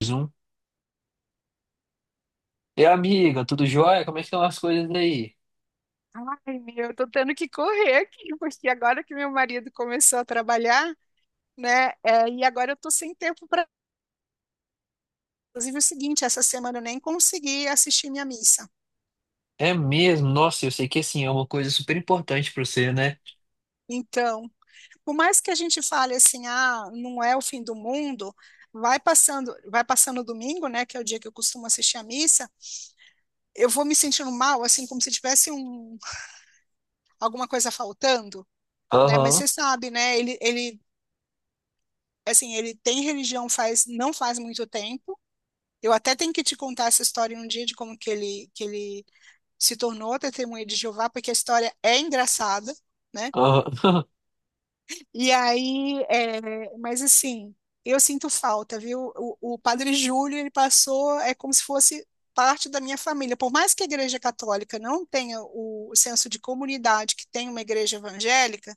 Mais um. E amiga, tudo jóia? Como é que estão as coisas aí? Ai, meu, eu tô tendo que correr aqui, porque agora que meu marido começou a trabalhar, né? E agora eu tô sem tempo para. Inclusive, é o seguinte, essa semana eu nem consegui assistir minha missa. É mesmo? Nossa, eu sei que assim é uma coisa super importante pra você, né? Então, por mais que a gente fale assim, ah, não é o fim do mundo, vai passando o domingo, né? Que é o dia que eu costumo assistir a missa, eu vou me sentindo mal, assim, como se tivesse alguma coisa faltando, né? Mas Aham, você sabe, né? Ele, assim, ele tem religião faz, não faz muito tempo. Eu até tenho que te contar essa história um dia de como que ele se tornou testemunha de Jeová, porque a história é engraçada, né? aham, E aí, mas assim, eu sinto falta, viu? O Padre Júlio, ele passou, é como se fosse parte da minha família. Por mais que a Igreja Católica não tenha o senso de comunidade que tem uma igreja evangélica,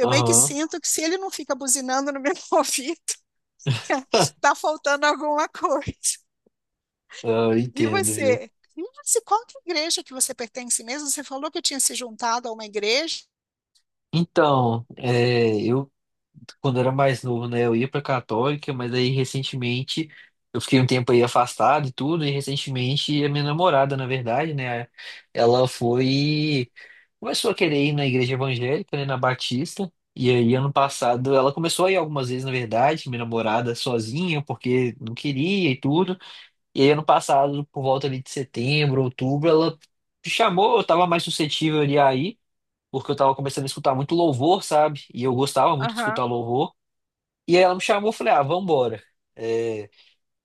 meio que aham. sinto que se ele não fica buzinando no meu ouvido, tá faltando alguma coisa. Ah, eu E entendo, viu? você? Mas e qual que é a igreja que você pertence mesmo? Você falou que tinha se juntado a uma igreja. Então, é, eu quando eu era mais novo, né, eu ia pra Católica, mas aí recentemente eu fiquei um tempo aí afastado e tudo, e recentemente a minha namorada, na verdade, né, ela foi, começou a querer ir na igreja evangélica, né, na Batista, e aí ano passado ela começou a ir algumas vezes, na verdade, minha namorada sozinha, porque não queria e tudo, e aí ano passado, por volta ali de setembro, outubro, ela me chamou, eu tava mais suscetível ali aí, porque eu tava começando a escutar muito louvor, sabe? E eu gostava muito de Aham. escutar louvor. E aí ela me chamou, eu falei, ah, vambora. É,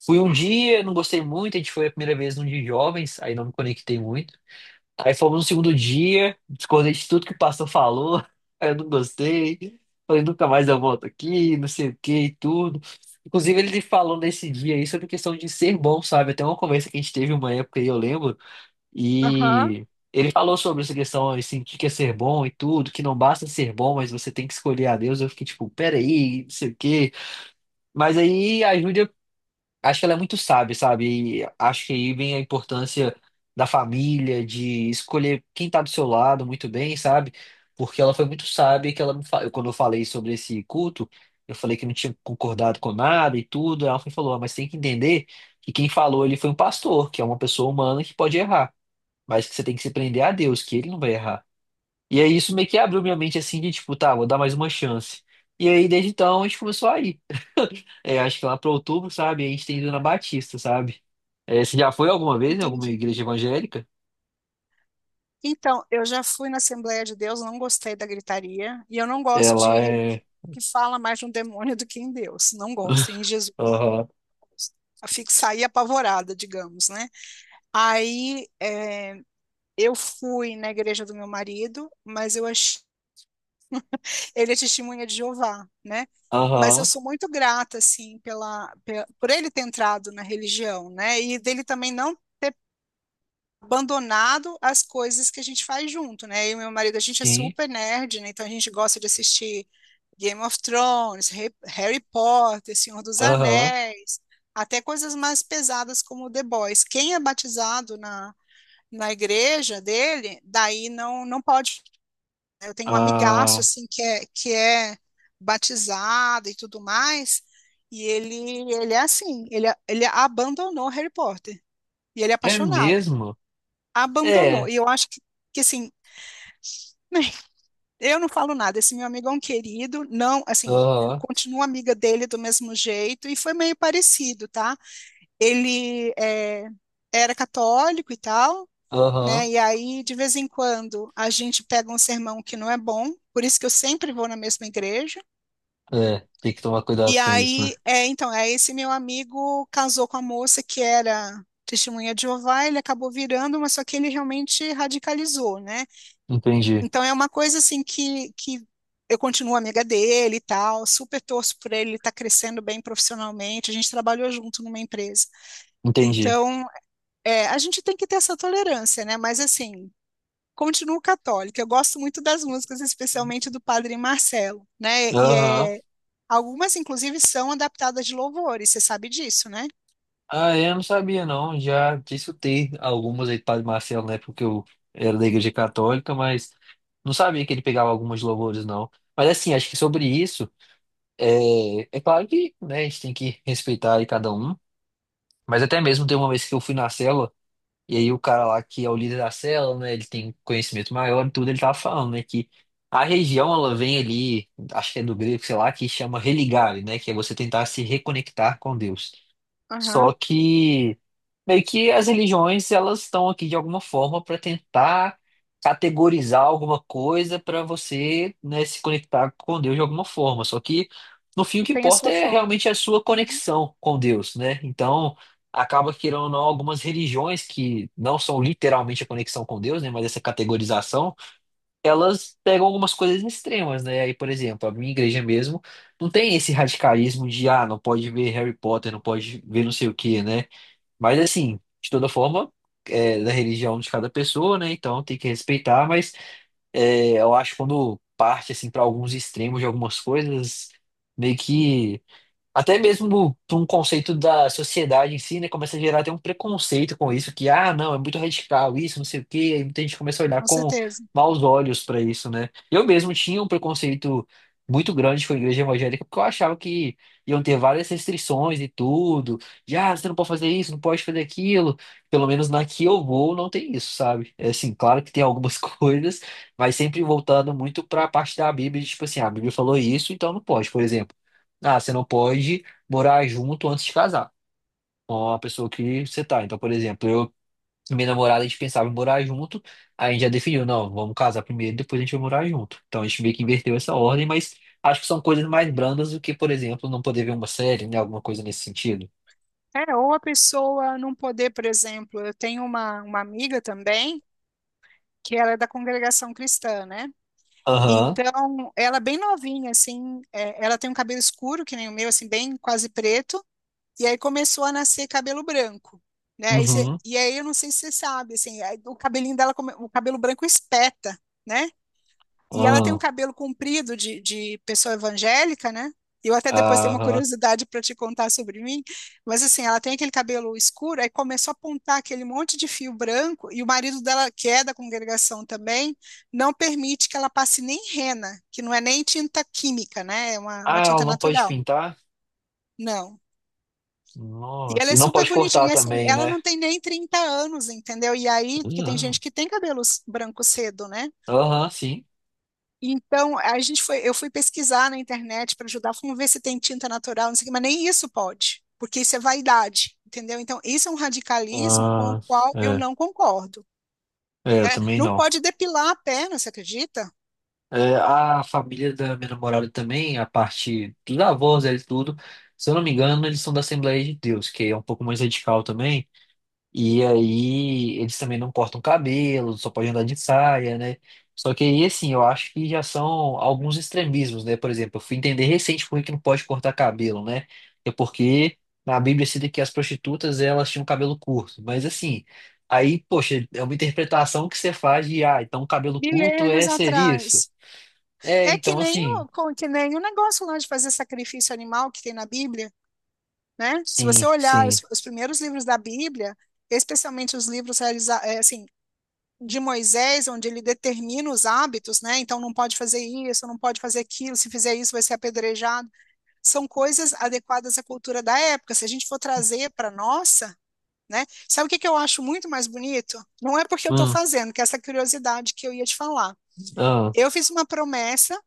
fui um dia, não gostei muito, a gente foi a primeira vez num dia de jovens, aí não me conectei muito. Aí fomos no segundo dia, discordei de tudo que o pastor falou, aí eu não gostei. Falei, nunca mais eu volto aqui, não sei o que e tudo. Inclusive, ele falou nesse dia aí sobre questão de ser bom, sabe? Até uma conversa que a gente teve uma época aí, eu lembro, Hã? e ele falou sobre essa questão, assim, o que que é ser bom e tudo, que não basta ser bom, mas você tem que escolher a Deus. Eu fiquei tipo, peraí, não sei o quê. Mas aí a Júlia, acho que ela é muito sábia, sabe? E acho que aí vem a importância da família, de escolher quem tá do seu lado muito bem, sabe? Porque ela foi muito sábia que ela me fa... quando eu falei sobre esse culto, eu falei que não tinha concordado com nada e tudo. Ela foi e falou, "Ah, mas tem que entender que quem falou ele foi um pastor, que é uma pessoa humana que pode errar, mas que você tem que se prender a Deus, que ele não vai errar. E aí isso meio que abriu minha mente assim de tipo, tá, vou dar mais uma chance. E aí desde então a gente começou a ir acho que lá para outubro, sabe? A gente tem ido na Batista, sabe? É, você já foi alguma vez em alguma Entendi. igreja evangélica? Então, eu já fui na Assembleia de Deus, não gostei da gritaria, e eu não gosto de Ela religião é. que fala mais de um demônio do que em Deus. Não gosto. Em Jesus, Aham. eu fico saí apavorada, digamos, né? Aí, eu fui na igreja do meu marido, mas eu achei ele é testemunha de Jeová, né? Mas eu Aham. sou muito grata, assim, por ele ter entrado na religião, né? E dele também não ter abandonado as coisas que a gente faz junto, né? Eu e meu marido, a gente é Sim. super nerd, né? Então a gente gosta de assistir Game of Thrones, Harry Potter, Senhor dos Aham. Anéis, até coisas mais pesadas como The Boys. Quem é batizado na igreja dele, daí não pode. Eu tenho um amigaço, Ah. assim, que é batizado e tudo mais, e ele é assim, ele abandonou Harry Potter, e ele é É apaixonado, né? mesmo? Abandonou, É. e eu acho que assim, eu não falo nada, esse meu amigo é um querido, não, assim, Aham. continuo amiga dele do mesmo jeito, e foi meio parecido, tá? Ele é, era católico e tal, Aham. né? E aí, de vez em quando, a gente pega um sermão que não é bom, por isso que eu sempre vou na mesma igreja. É. Tem que tomar E cuidado com isso, né? aí, então, esse meu amigo casou com a moça que era testemunha de Jeová, ele acabou virando, mas só que ele realmente radicalizou, né? Entendi. Então é uma coisa assim que eu continuo amiga dele e tal, super torço por ele, ele está crescendo bem profissionalmente, a gente trabalhou junto numa empresa. Entendi. Então, a gente tem que ter essa tolerância, né? Mas assim, continuo católica. Eu gosto muito das músicas, especialmente do Padre Marcelo, né? E Aham. Algumas, inclusive, são adaptadas de louvores, você sabe disso, né? Ah, é, eu não sabia, não. Já discutei algumas aí do Padre Marcelo, né? Porque eu era da igreja católica, mas não sabia que ele pegava algumas louvores, não. Mas assim, acho que sobre isso. É claro que, né, a gente tem que respeitar aí cada um, mas até mesmo tem uma vez que eu fui na cela, e aí o cara lá que é o líder da cela, né, ele tem conhecimento maior e tudo, ele tava falando, né, que a região, ela vem ali, acho que é do grego, sei lá, que chama religare, né, que é você tentar se reconectar com Deus. Só Aham. que meio que as religiões elas estão aqui de alguma forma para tentar categorizar alguma coisa para você, né, se conectar com Deus de alguma forma. Só que no fim o que Tem a importa sua é forma. realmente a sua Uhum. conexão com Deus, né? Então acaba que querendo ou não algumas religiões que não são literalmente a conexão com Deus, né, mas essa categorização elas pegam algumas coisas extremas, né? Aí, por exemplo, a minha igreja mesmo não tem esse radicalismo de, ah, não pode ver Harry Potter, não pode ver não sei o quê, né? Mas, assim, de toda forma, é da religião de cada pessoa, né? Então tem que respeitar, mas eu acho que quando parte, assim, para alguns extremos de algumas coisas, meio que. Até mesmo para um conceito da sociedade em si, né? Começa a gerar até um preconceito com isso, que, ah, não, é muito radical isso, não sei o quê. Aí muita gente começa a olhar Com com certeza. maus olhos para isso, né? Eu mesmo tinha um preconceito muito grande com a igreja evangélica, porque eu achava que iam ter várias restrições e tudo. De, ah, você não pode fazer isso, não pode fazer aquilo. Pelo menos na que eu vou, não tem isso, sabe? É assim, claro que tem algumas coisas, mas sempre voltando muito para a parte da Bíblia, de, tipo assim, ah, a Bíblia falou isso, então não pode, por exemplo. Ah, você não pode morar junto antes de casar com a pessoa que você tá. Então, por exemplo, eu e minha namorada, a gente pensava em morar junto, aí a gente já definiu, não, vamos casar primeiro, depois a gente vai morar junto. Então, a gente meio que inverteu essa ordem, mas acho que são coisas mais brandas do que, por exemplo, não poder ver uma série, né? Alguma coisa nesse sentido. É, ou a pessoa não poder, por exemplo, eu tenho uma amiga também, que ela é da congregação cristã, né? Aham, Então, ela é bem novinha, assim, ela tem um cabelo escuro, que nem o meu, assim, bem quase preto. E aí começou a nascer cabelo branco, né? E, uhum, e aí eu não sei se você sabe, assim, aí o cabelinho dela, o cabelo branco espeta, né? E ela tem um aham, cabelo comprido de pessoa evangélica, né? Eu até depois tenho uma aham. curiosidade para te contar sobre mim, mas assim, ela tem aquele cabelo escuro, aí começou a apontar aquele monte de fio branco, e o marido dela, que é da congregação também, não permite que ela passe nem henna, que não é nem tinta química, né? É Ah, uma ela tinta não pode natural. pintar? Não. E Nossa, ela é e não super pode bonitinha. cortar E assim, também, ela né? não tem nem 30 anos, entendeu? E aí, porque tem Uhum. gente que tem cabelos brancos cedo, né? Aham, sim. Então, eu fui pesquisar na internet para ajudar, vamos ver se tem tinta natural, não sei o quê, mas nem isso pode, porque isso é vaidade, entendeu? Então, isso é um radicalismo com o Ah, qual eu é. não concordo. É, eu também Não não. pode depilar a perna, você acredita? É, a família da minha namorada também, a parte dos avós, eles tudo, se eu não me engano, eles são da Assembleia de Deus, que é um pouco mais radical também. E aí eles também não cortam cabelo, só podem andar de saia, né? Só que aí, assim, eu acho que já são alguns extremismos, né? Por exemplo, eu fui entender recente por que que não pode cortar cabelo, né? É porque na Bíblia cita que as prostitutas, elas tinham cabelo curto. Mas assim, aí, poxa, é uma interpretação que você faz de, ah, então cabelo curto Milênios é ser isso. atrás. É, É que então nem assim, que nem o negócio lá de fazer sacrifício animal que tem na Bíblia. Né? Se sim, você olhar sim. Os primeiros livros da Bíblia, especialmente os livros assim, de Moisés, onde ele determina os hábitos, né? Então não pode fazer isso, não pode fazer aquilo, se fizer isso vai ser apedrejado. São coisas adequadas à cultura da época. Se a gente for trazer para nossa, né? Sabe o que que eu acho muito mais bonito? Não é porque eu estou Hum, fazendo, que é essa curiosidade que eu ia te falar. ah, Eu fiz uma promessa,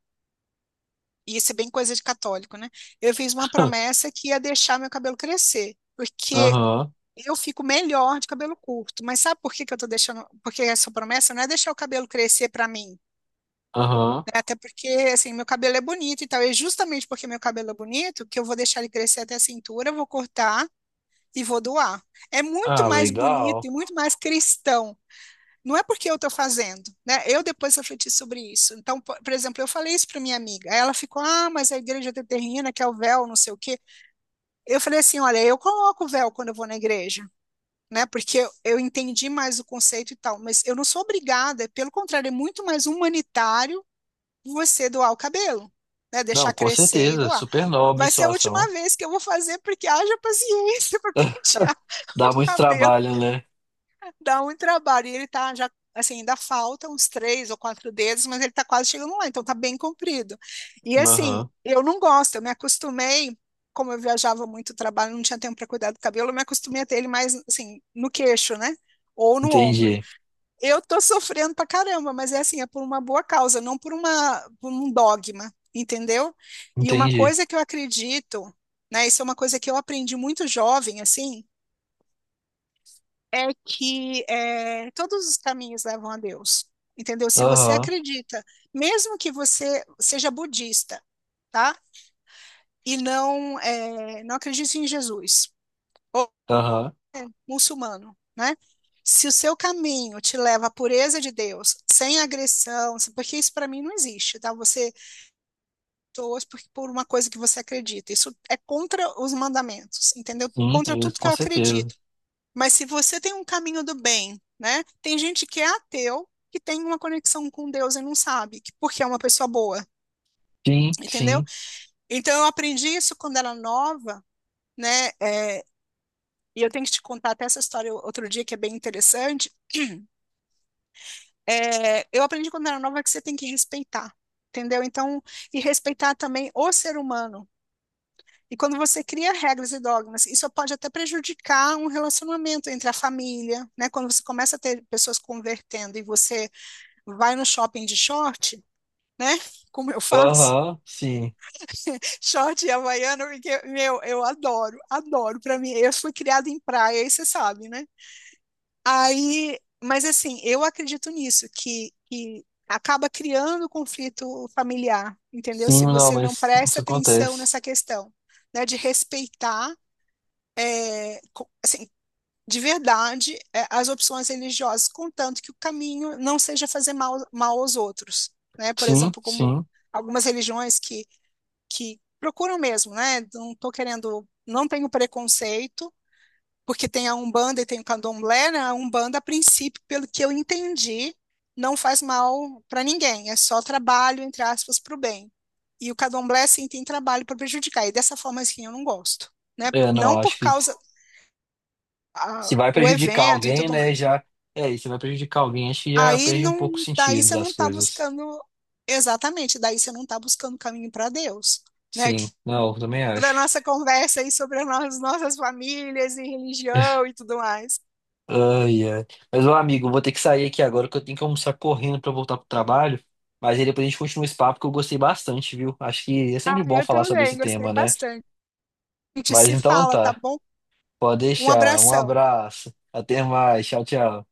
e isso é bem coisa de católico, né? Eu fiz uma promessa que ia deixar meu cabelo crescer, porque aham, eu fico melhor de cabelo curto, mas sabe por que que eu tô deixando? Porque essa promessa não é deixar o cabelo crescer pra mim, aham. né? Até porque, assim, meu cabelo é bonito e tal. É justamente porque meu cabelo é bonito, que eu vou deixar ele crescer até a cintura, vou cortar e vou doar. É muito Ah, mais bonito legal. e muito mais cristão. Não é porque eu tô fazendo, né? Eu depois refleti sobre isso. Então, por exemplo, eu falei isso pra minha amiga. Aí ela ficou, ah, mas a igreja determina que é o véu, não sei o quê. Eu falei assim, olha, eu coloco o véu quando eu vou na igreja. Né? Porque eu entendi mais o conceito e tal, mas eu não sou obrigada, pelo contrário, é muito mais humanitário você doar o cabelo, né? Deixar Não, com crescer e certeza, doar. super nobre Vai ser a sua última ação. vez que eu vou fazer, porque haja paciência para pentear Dá o muito cabelo. trabalho, né? Dá um trabalho. E ele tá já, assim, ainda falta uns três ou quatro dedos, mas ele tá quase chegando lá, então tá bem comprido. E assim, Aham, eu não gosto, eu me acostumei, como eu viajava muito trabalho, não tinha tempo para cuidar do cabelo, eu me acostumei a ter ele mais, assim, no queixo, né? Ou no ombro. entendi, Eu tô sofrendo pra caramba, mas é assim, é por uma boa causa, não por por um dogma, entendeu? E uma entendi. coisa que eu acredito, né? Isso é uma coisa que eu aprendi muito jovem, assim, todos os caminhos levam a Deus, entendeu? Se você Aham, acredita, mesmo que você seja budista, tá? Não acredite em Jesus ou aham, muçulmano, né? Se o seu caminho te leva à pureza de Deus, sem agressão, porque isso para mim não existe, tá? Você torce por uma coisa que você acredita. Isso é contra os mandamentos, entendeu? sim, Contra é isso, tudo que com eu certeza. acredito. Mas se você tem um caminho do bem, né? Tem gente que é ateu, que tem uma conexão com Deus e não sabe, porque é uma pessoa boa, Sim, entendeu? sim, Então eu aprendi isso quando era nova, né? É, e eu tenho que te contar até essa história outro dia, que é bem interessante. É, eu aprendi quando era nova que você tem que respeitar, entendeu? Então, e respeitar também o ser humano. E quando você cria regras e dogmas, isso pode até prejudicar um relacionamento entre a família, né? Quando você começa a ter pessoas convertendo e você vai no shopping de short, né? Como eu faço, aham, sim. short e havaiana, porque, meu, eu adoro, adoro. Para mim, eu fui criada em praia, aí você sabe, né? Aí, mas assim, eu acredito nisso, que acaba criando conflito familiar, entendeu? Sim, Se não, você não mas isso presta atenção acontece. nessa questão, né, de respeitar, assim, de verdade é, as opções religiosas, contanto que o caminho não seja fazer mal, mal aos outros, né? Por Sim, exemplo, como sim. algumas religiões que procuram mesmo, né? Não estou querendo, não tenho preconceito, porque tem a Umbanda e tem o Candomblé, né? A Umbanda, a princípio, pelo que eu entendi, não faz mal para ninguém, é só trabalho, entre aspas, para o bem. E o Candomblé, sim, tem trabalho para prejudicar, e dessa forma, assim, eu não gosto, né? É, Não não, acho por que causa se vai o prejudicar evento e alguém, tudo né, mais. já... É, e se vai prejudicar alguém, acho que já Aí perde um pouco o não, daí sentido você não das está coisas. buscando exatamente, daí você não está buscando caminho para Deus, né? Que Sim, não, eu também toda a acho. nossa conversa aí sobre as nossas famílias e religião e tudo mais. Ai, ai. Mas, ô amigo, eu vou ter que sair aqui agora que eu tenho que almoçar correndo pra voltar pro trabalho. Mas aí depois a gente continua esse papo que eu gostei bastante, viu? Acho que é sempre Ah, bom eu falar sobre também esse gostei tema, né? bastante. A gente Mas se então fala, tá tá. bom? Pode Um deixar. Um abração. abraço. Até mais. Tchau, tchau.